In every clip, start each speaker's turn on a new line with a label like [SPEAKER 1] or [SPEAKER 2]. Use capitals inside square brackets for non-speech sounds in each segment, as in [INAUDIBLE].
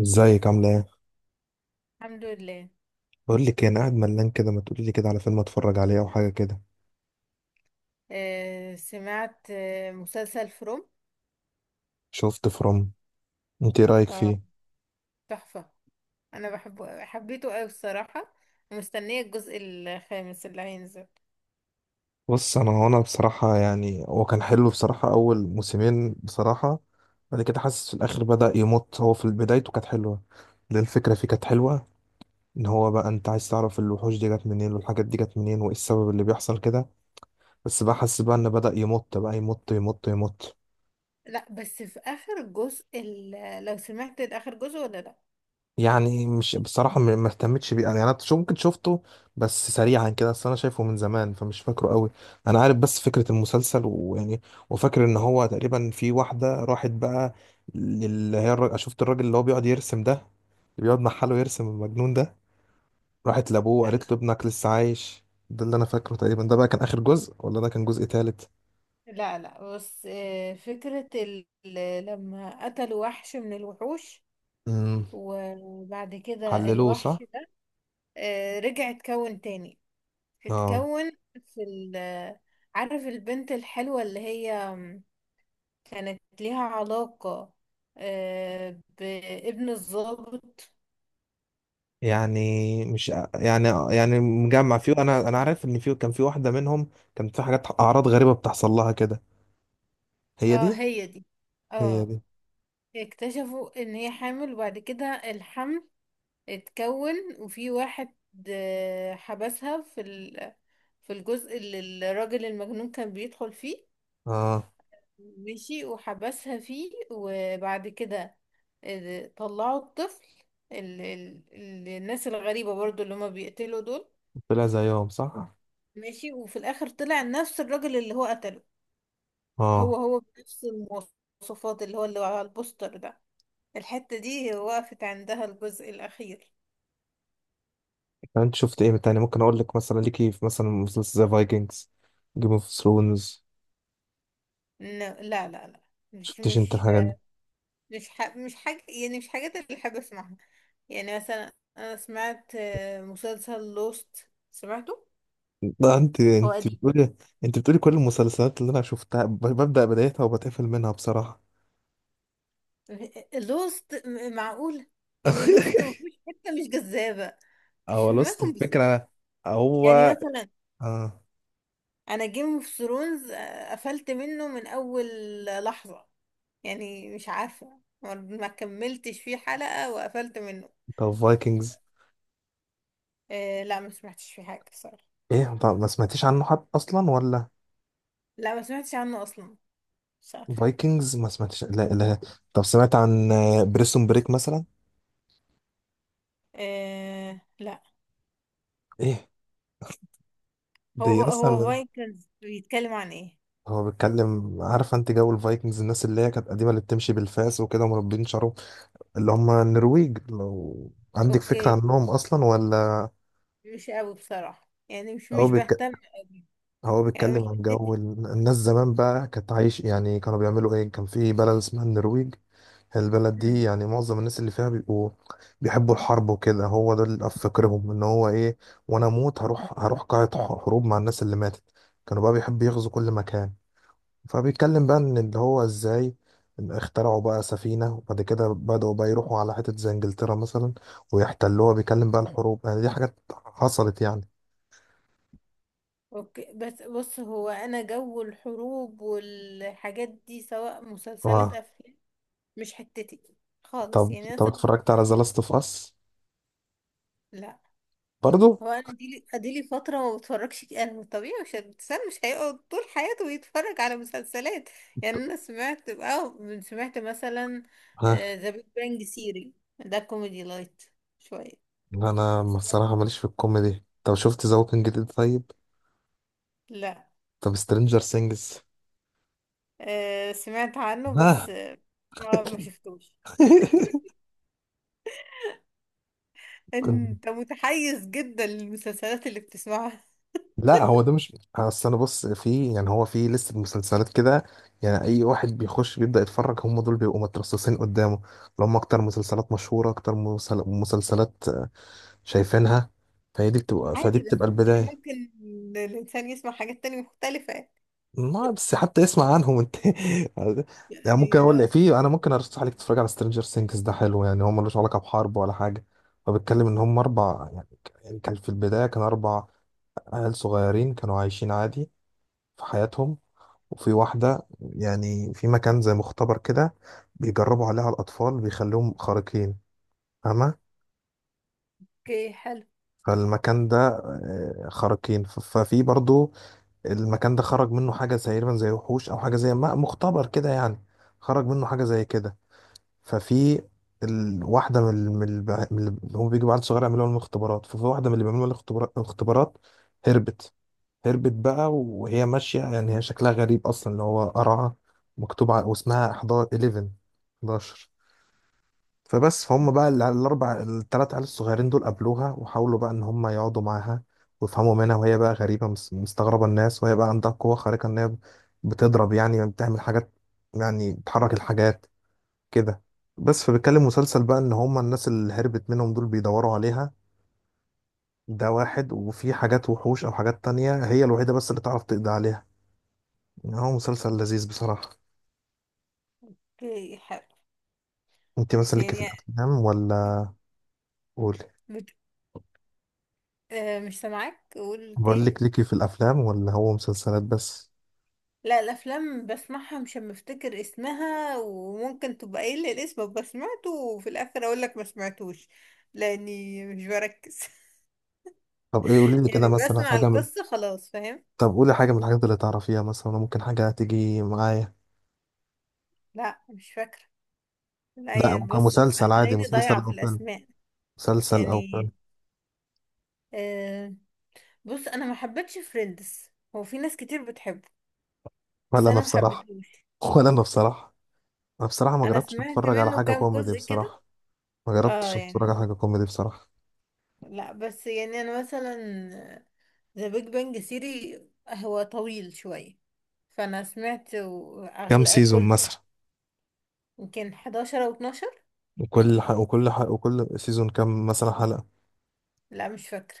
[SPEAKER 1] ازيك عامله ايه؟
[SPEAKER 2] الحمد لله.
[SPEAKER 1] بقول لك إيه، انا قاعد ملان كده، ما تقولي لي كده على فيلم اتفرج عليه او حاجه كده.
[SPEAKER 2] سمعت مسلسل فروم.
[SPEAKER 1] شفت فروم؟ انت ايه رايك
[SPEAKER 2] اه
[SPEAKER 1] فيه؟
[SPEAKER 2] تحفة. انا بحبه حبيته قوي الصراحة، ومستنية الجزء الخامس اللي هينزل.
[SPEAKER 1] بص انا بصراحه، يعني هو كان حلو بصراحه اول موسمين بصراحه. بعد كده حاسس في الاخر بدا يمط. هو في بدايته كانت حلوه، لأن الفكره فيه كانت حلوه. ان هو بقى انت عايز تعرف الوحوش دي جت منين والحاجات دي جت منين وايه السبب اللي بيحصل كده. بس بقى حاسس بقى ان بدا يمط بقى، يمط يمط يمط.
[SPEAKER 2] لا بس في اخر جزء لو سمعت اخر جزء ولا لا؟
[SPEAKER 1] يعني مش بصراحة، ما اهتمتش بيه، يعني انا شو ممكن شفته، بس سريعا كده، اصل انا شايفه من زمان فمش فاكره قوي. انا عارف بس فكرة المسلسل ويعني، وفاكر ان هو تقريبا في واحدة راحت بقى، اللي هي الراجل، شفت الراجل اللي هو بيقعد يرسم ده، اللي بيقعد محله يرسم المجنون ده؟ راحت لابوه
[SPEAKER 2] آه.
[SPEAKER 1] قالت له ابنك لسه عايش. ده اللي انا فاكره تقريبا. ده بقى كان اخر جزء ولا ده كان جزء تالت؟
[SPEAKER 2] لا لا بس آه فكرة لما قتلوا وحش من الوحوش،
[SPEAKER 1] امم
[SPEAKER 2] وبعد كده
[SPEAKER 1] حللوه، صح.
[SPEAKER 2] الوحش ده رجع اتكون تاني.
[SPEAKER 1] اه.
[SPEAKER 2] اتكون في عارف البنت الحلوة اللي هي كانت ليها علاقة بابن الضابط.
[SPEAKER 1] يعني مش، يعني مجمع فيه، انا عارف ان فيه كان في واحده منهم كانت في حاجات، اعراض غريبه بتحصل لها كده. هي
[SPEAKER 2] اه
[SPEAKER 1] دي.
[SPEAKER 2] هي دي.
[SPEAKER 1] هي
[SPEAKER 2] اه.
[SPEAKER 1] دي.
[SPEAKER 2] اكتشفوا ان هي حامل، وبعد كده الحمل اتكون. وفي واحد حبسها في في الجزء اللي الراجل المجنون كان بيدخل فيه.
[SPEAKER 1] اه،
[SPEAKER 2] مشي وحبسها فيه، وبعد كده طلعوا الطفل. الناس الغريبة برضو اللي هما بيقتلوا دول.
[SPEAKER 1] طلع زيهم صح.
[SPEAKER 2] ماشي، وفي الاخر طلع نفس الراجل اللي هو قتله. هو
[SPEAKER 1] اه.
[SPEAKER 2] هو بنفس المواصفات، اللي هو اللي على البوستر ده. الحتة دي وقفت عندها الجزء الاخير.
[SPEAKER 1] انت شفت ايه تاني؟ ممكن اقول لك مثلا ليكي في، مثلا، مسلسل زي فايكنجز، جيم اوف ثرونز.
[SPEAKER 2] إن- لا لا لا. مش
[SPEAKER 1] شفتش انت
[SPEAKER 2] مش
[SPEAKER 1] الحاجات دي؟
[SPEAKER 2] مش حاجة، يعني مش حاجات اللي بحب اسمعها. يعني مثلا انا سمعت مسلسل لوست. سمعته؟
[SPEAKER 1] ده انت
[SPEAKER 2] هو
[SPEAKER 1] انت
[SPEAKER 2] قديم.
[SPEAKER 1] بتقولي، انت بتقولي كل المسلسلات اللي انا شفتها ببدأ بدايتها وبتقفل منها بصراحه.
[SPEAKER 2] لوست. معقول؟ يعني لوست
[SPEAKER 1] [LAUGHS]
[SPEAKER 2] مفيش حتة مش جذابة. مش
[SPEAKER 1] هو لوست
[SPEAKER 2] فاهماكم بسرعة.
[SPEAKER 1] الفكره، هو.
[SPEAKER 2] يعني مثلا
[SPEAKER 1] اه.
[SPEAKER 2] انا جيم اوف ثرونز قفلت منه من اول لحظة. يعني مش عارفة، ما كملتش فيه حلقة وقفلت منه.
[SPEAKER 1] طب فايكنجز؟
[SPEAKER 2] آه لا، ما سمعتش فيه حاجة بصراحة.
[SPEAKER 1] ايه؟ طب ما سمعتيش عنه حد اصلا ولا؟
[SPEAKER 2] لا، ما سمعتش عنه اصلا. مش عارفة.
[SPEAKER 1] فايكنجز ما سمعتيش، لا لا. طب سمعت عن بريسون بريك مثلا؟
[SPEAKER 2] آه لا.
[SPEAKER 1] ايه، دي
[SPEAKER 2] هو
[SPEAKER 1] اصلا.
[SPEAKER 2] فايكنز بيتكلم عن ايه؟
[SPEAKER 1] هو بيتكلم، عارف انت جو الفايكنجز، الناس اللي هي كانت قديمه اللي بتمشي بالفاس وكده ومربين شعرهم، اللي هم النرويج؟ لو عندك فكره
[SPEAKER 2] اوكي.
[SPEAKER 1] عنهم اصلا ولا؟
[SPEAKER 2] مش قوي بصراحة، يعني مش
[SPEAKER 1] هو
[SPEAKER 2] مش بهتم قوي.
[SPEAKER 1] هو
[SPEAKER 2] يعني مش
[SPEAKER 1] بيتكلم عن
[SPEAKER 2] حسيت.
[SPEAKER 1] جو الناس زمان بقى، كانت عايش يعني كانوا بيعملوا ايه. كان في بلد اسمها النرويج. البلد دي
[SPEAKER 2] مم.
[SPEAKER 1] يعني معظم الناس اللي فيها بيبقوا بيحبوا الحرب وكده. هو ده اللي في فكرهم، ان هو ايه، وانا اموت هروح، قاعة حروب مع الناس اللي ماتت. كانوا بقى بيحبوا يغزوا كل مكان. فبيتكلم بقى ان اللي هو ازاي اخترعوا بقى سفينة، وبعد كده بدأوا بقى يروحوا على حتت زي انجلترا مثلا ويحتلوها. بيتكلم بقى الحروب، يعني دي حاجات حصلت يعني.
[SPEAKER 2] اوكي، بس بص هو انا جو الحروب والحاجات دي سواء مسلسلات
[SPEAKER 1] آه.
[SPEAKER 2] افلام مش حتتي خالص.
[SPEAKER 1] طب
[SPEAKER 2] يعني
[SPEAKER 1] طب
[SPEAKER 2] مثلا
[SPEAKER 1] اتفرجت على ذا لاست اوف اس؟
[SPEAKER 2] لا،
[SPEAKER 1] برضو.
[SPEAKER 2] هو انا اديلي فتره ما بتفرجش. انا طبيعي، مش الانسان مش هيقعد طول حياته يتفرج على مسلسلات. يعني انا سمعت او سمعت مثلا
[SPEAKER 1] ها.
[SPEAKER 2] ذا بيج بانج سيري. ده كوميدي لايت شويه.
[SPEAKER 1] انا بصراحه
[SPEAKER 2] سمعتي؟
[SPEAKER 1] ماليش في الكوميدي. طب شفت ذا ووكينج ديد طيب؟
[SPEAKER 2] لا.
[SPEAKER 1] طب سترينجر سينجز؟
[SPEAKER 2] سمعت عنه،
[SPEAKER 1] ها.
[SPEAKER 2] بس ما
[SPEAKER 1] [LAUGHS]
[SPEAKER 2] ما شفتوش.
[SPEAKER 1] كنت-
[SPEAKER 2] انت متحيز جدا للمسلسلات اللي بتسمعها.
[SPEAKER 1] لا هو ده مش، اصل انا بص في، يعني هو في لسه مسلسلات كده، يعني اي واحد بيخش بيبدا يتفرج هم دول بيبقوا مترصصين قدامه، اللي هم اكتر مسلسلات مشهوره، اكتر مسلسلات شايفينها، فهي دي بتبقى فدي
[SPEAKER 2] عادي، بس
[SPEAKER 1] بتبقى
[SPEAKER 2] يعني
[SPEAKER 1] البدايه.
[SPEAKER 2] ممكن الانسان يسمع حاجات تانية مختلفه،
[SPEAKER 1] ما بس حتى اسمع عنهم انت. [LAUGHS] يعني ممكن
[SPEAKER 2] يعني.
[SPEAKER 1] اقول لك، في انا ممكن ارشح لك تتفرج على سترينجر سينجز، ده حلو، يعني هو ملوش علاقه بحرب ولا حاجه. هو بيتكلم ان هم اربع، يعني يعني كان في البدايه كان اربع عيال صغيرين كانوا عايشين عادي في حياتهم. وفي واحده، يعني في مكان زي مختبر كده، بيجربوا عليها الاطفال، بيخليهم خارقين، فاهمه؟
[SPEAKER 2] اوكي حلو.
[SPEAKER 1] فالمكان ده آه، خارقين، ففي برضو، المكان ده خرج منه حاجة زي تقريبا، زي وحوش أو حاجة، زي ما مختبر كده يعني، خرج منه حاجة زي كده. ففي واحدة من من من اللي هم بيجوا بعد صغير يعملوا لهم الاختبارات، ففي واحدة من اللي بيعملوا لها الاختبارات هربت. هربت بقى، وهي ماشية يعني، هي شكلها غريب أصلا، اللي هو قرعة مكتوب على واسمها 11. 11. فبس، فهم بقى الاربع الثلاث عيال الصغيرين دول قابلوها، وحاولوا بقى ان هم يقعدوا معاها ويفهموا منها، وهي بقى غريبه مستغربه الناس، وهي بقى عندها قوه خارقه ان هي بتضرب، يعني بتعمل حاجات، يعني بتحرك الحاجات كده. بس فبيتكلم مسلسل بقى ان هم الناس اللي هربت منهم دول بيدوروا عليها، ده واحد، وفي حاجات وحوش او حاجات تانية هي الوحيده بس اللي تعرف تقضي عليها. يعني هو مسلسل لذيذ بصراحه.
[SPEAKER 2] اوكي حلو.
[SPEAKER 1] انت
[SPEAKER 2] بس
[SPEAKER 1] مثلا ليكي في
[SPEAKER 2] يعني
[SPEAKER 1] الافلام ولا؟ قولي.
[SPEAKER 2] بت... آه مش سامعاك، قول
[SPEAKER 1] بقول
[SPEAKER 2] تاني.
[SPEAKER 1] لك، ليكي في الافلام ولا هو مسلسلات بس؟
[SPEAKER 2] لا، الافلام بسمعها، مش أما افتكر اسمها، وممكن تبقى قايل لي الاسم ابقى سمعته، وفي الاخر اقول لك ما سمعتوش، لاني مش بركز.
[SPEAKER 1] طب ايه قولي
[SPEAKER 2] [LAUGHS]
[SPEAKER 1] لي كده
[SPEAKER 2] يعني
[SPEAKER 1] مثلا
[SPEAKER 2] بسمع
[SPEAKER 1] حاجه من.
[SPEAKER 2] القصة خلاص، فاهم.
[SPEAKER 1] طب قولي حاجه من الحاجات اللي تعرفيها، مثلا ممكن حاجه تيجي معايا.
[SPEAKER 2] لا مش فاكرة. لا،
[SPEAKER 1] لا
[SPEAKER 2] يعني
[SPEAKER 1] ممكن
[SPEAKER 2] بص
[SPEAKER 1] مسلسل عادي،
[SPEAKER 2] هتلاقيني
[SPEAKER 1] مسلسل
[SPEAKER 2] ضايعة
[SPEAKER 1] او
[SPEAKER 2] في
[SPEAKER 1] فيلم.
[SPEAKER 2] الاسماء،
[SPEAKER 1] مسلسل او
[SPEAKER 2] يعني.
[SPEAKER 1] فيلم.
[SPEAKER 2] آه. بص انا ما حبيتش فريندز، هو في ناس كتير بتحبه بس
[SPEAKER 1] ولا انا
[SPEAKER 2] انا ما
[SPEAKER 1] بصراحه.
[SPEAKER 2] حبيتهوش.
[SPEAKER 1] [LAUGHS] ولا انا بصراحه. انا بصراحه ما
[SPEAKER 2] انا
[SPEAKER 1] جربتش
[SPEAKER 2] سمعت
[SPEAKER 1] اتفرج على
[SPEAKER 2] منه
[SPEAKER 1] حاجه
[SPEAKER 2] كام
[SPEAKER 1] كوميدي
[SPEAKER 2] جزء كده.
[SPEAKER 1] بصراحه. ما
[SPEAKER 2] اه
[SPEAKER 1] جربتش اتفرج
[SPEAKER 2] يعني.
[SPEAKER 1] على حاجه كوميدي بصراحه.
[SPEAKER 2] لا بس يعني انا مثلا ذا بيج بانج ثيري هو طويل شوية. فانا سمعت
[SPEAKER 1] كام
[SPEAKER 2] اغلى
[SPEAKER 1] سيزون
[SPEAKER 2] كل،
[SPEAKER 1] مثلا؟
[SPEAKER 2] يمكن 11 او 12.
[SPEAKER 1] وكل سيزون كام مثلا حلقه؟
[SPEAKER 2] لا مش فاكرة.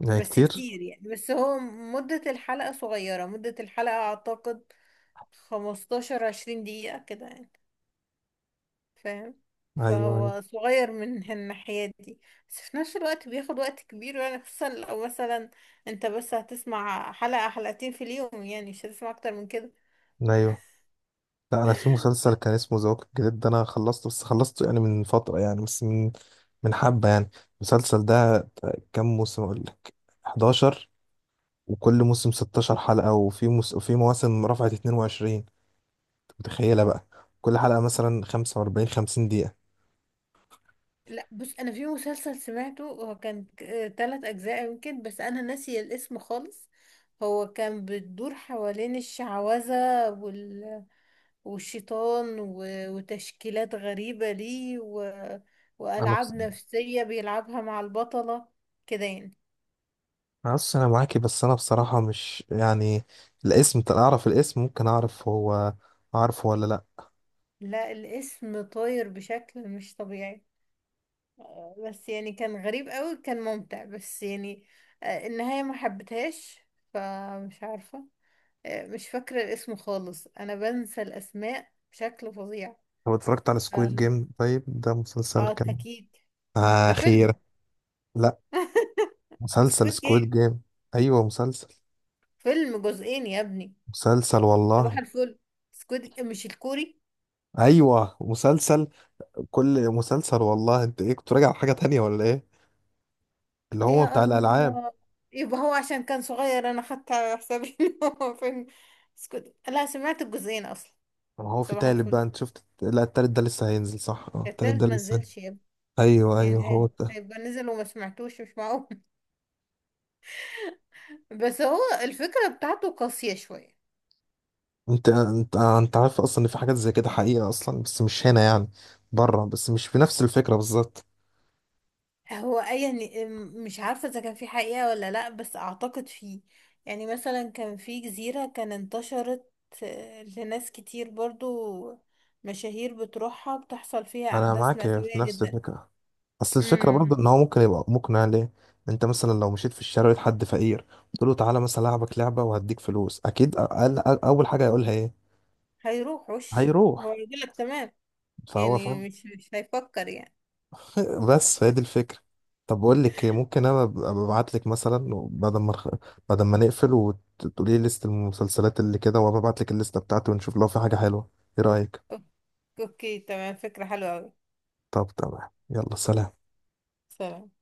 [SPEAKER 1] يعني
[SPEAKER 2] بس
[SPEAKER 1] كتير.
[SPEAKER 2] كتير يعني. بس هو مدة الحلقة صغيرة، مدة الحلقة اعتقد 15 20 دقيقة كده يعني. فاهم.
[SPEAKER 1] ايوه، ايوه.
[SPEAKER 2] فهو صغير من الناحية دي. بس في نفس الوقت بياخد وقت كبير يعني، خصوصا لو مثلا انت بس هتسمع حلقة حلقتين في اليوم، يعني مش هتسمع اكتر من كده.
[SPEAKER 1] أيوه. لا انا في مسلسل كان اسمه ذا ووكينج ديد، ده انا خلصته، بس خلصته يعني من فتره، يعني بس من حبه يعني المسلسل ده. كام موسم اقول لك؟ 11. وكل موسم 16 حلقه، وفي وفي مواسم رفعت 22. أنت متخيله بقى؟ كل حلقه مثلا 45 50 دقيقه.
[SPEAKER 2] لا، بص انا في مسلسل سمعته هو كان تلات اجزاء يمكن، بس انا ناسي الاسم خالص. هو كان بتدور حوالين الشعوذة والشيطان وتشكيلات غريبة ليه
[SPEAKER 1] انا بص
[SPEAKER 2] وألعاب نفسية بيلعبها مع البطلة كده يعني.
[SPEAKER 1] انا بص انا معاكي، بس انا بصراحه مش يعني، الاسم، أنت اعرف الاسم ممكن اعرف هو، اعرف ولا لا.
[SPEAKER 2] لا، الاسم طاير بشكل مش طبيعي. بس يعني كان غريب قوي، كان ممتع، بس يعني النهاية ما حبيتهاش، فمش عارفة. مش فاكرة الاسم خالص، انا بنسى الاسماء بشكل فظيع.
[SPEAKER 1] هو اتفرجت على
[SPEAKER 2] اه.
[SPEAKER 1] سكويد جيم طيب؟ ده مسلسل كان
[SPEAKER 2] اكيد. ده
[SPEAKER 1] اخيرا.
[SPEAKER 2] فيلم
[SPEAKER 1] لا، مسلسل
[SPEAKER 2] سكوت جيم.
[SPEAKER 1] سكويد جيم. ايوه مسلسل.
[SPEAKER 2] فيلم جزئين يا ابني.
[SPEAKER 1] مسلسل
[SPEAKER 2] صباح
[SPEAKER 1] والله.
[SPEAKER 2] الفل. سكوت، مش الكوري.
[SPEAKER 1] ايوه مسلسل. كل مسلسل والله. انت ايه كنت راجع على حاجه تانية ولا ايه؟ اللي هو
[SPEAKER 2] يا
[SPEAKER 1] بتاع الالعاب.
[SPEAKER 2] الله، يبقى هو عشان كان صغير انا خدت على حسابي [LAUGHS] إن هو فيلم. سكوت، لا سمعت الجزئين اصلا.
[SPEAKER 1] ما هو في
[SPEAKER 2] صباح
[SPEAKER 1] تالت
[SPEAKER 2] الفل.
[SPEAKER 1] بقى، انت شفت؟ لا التالت ده لسه هينزل، صح، اه التالت
[SPEAKER 2] التالت
[SPEAKER 1] ده
[SPEAKER 2] ما
[SPEAKER 1] لسه.
[SPEAKER 2] نزلش يا ابني.
[SPEAKER 1] ايوه، ايوه
[SPEAKER 2] يعني
[SPEAKER 1] هو
[SPEAKER 2] إيه؟
[SPEAKER 1] ده.
[SPEAKER 2] هيبقى نزل وما سمعتوش، مش معقول. [LAUGHS] بس هو الفكرة بتاعته قاسية شوية.
[SPEAKER 1] انت عارف اصلا ان في حاجات زي كده حقيقه اصلا، بس مش هنا يعني، بره، بس مش في نفس الفكره بالظبط.
[SPEAKER 2] هو أي يعني مش عارفة إذا كان في حقيقة ولا لأ، بس أعتقد فيه. يعني مثلا كان في جزيرة، كان انتشرت لناس كتير برضو، مشاهير بتروحها، بتحصل فيها
[SPEAKER 1] انا
[SPEAKER 2] أحداث
[SPEAKER 1] معاك في
[SPEAKER 2] مأساوية
[SPEAKER 1] نفس
[SPEAKER 2] جدا.
[SPEAKER 1] الفكره. اصل الفكره برضه ان
[SPEAKER 2] امم.
[SPEAKER 1] هو ممكن يبقى مقنع ليه. انت مثلا لو مشيت في الشارع لقيت حد فقير تقول له تعالى مثلا العبك لعبه وهديك فلوس، اكيد أقل أقل اول حاجه هيقولها ايه؟
[SPEAKER 2] هيروحوش. هو
[SPEAKER 1] هيروح.
[SPEAKER 2] يقولك تمام.
[SPEAKER 1] فهو فاهم.
[SPEAKER 2] يعني مش هيفكر يعني.
[SPEAKER 1] [LAUGHS] بس هي دي الفكره. طب بقول لك إيه، ممكن انا ابعت لك مثلا بعد ما بعد ما نقفل، وتقولي لي ليست المسلسلات اللي كده، وابعت لك الليسته بتاعتي ونشوف لو في حاجه حلوه. ايه رايك؟
[SPEAKER 2] أوك- أوكي تمام، فكرة حلوة أوي.
[SPEAKER 1] طب تمام، يلا، سلام.
[SPEAKER 2] سلام.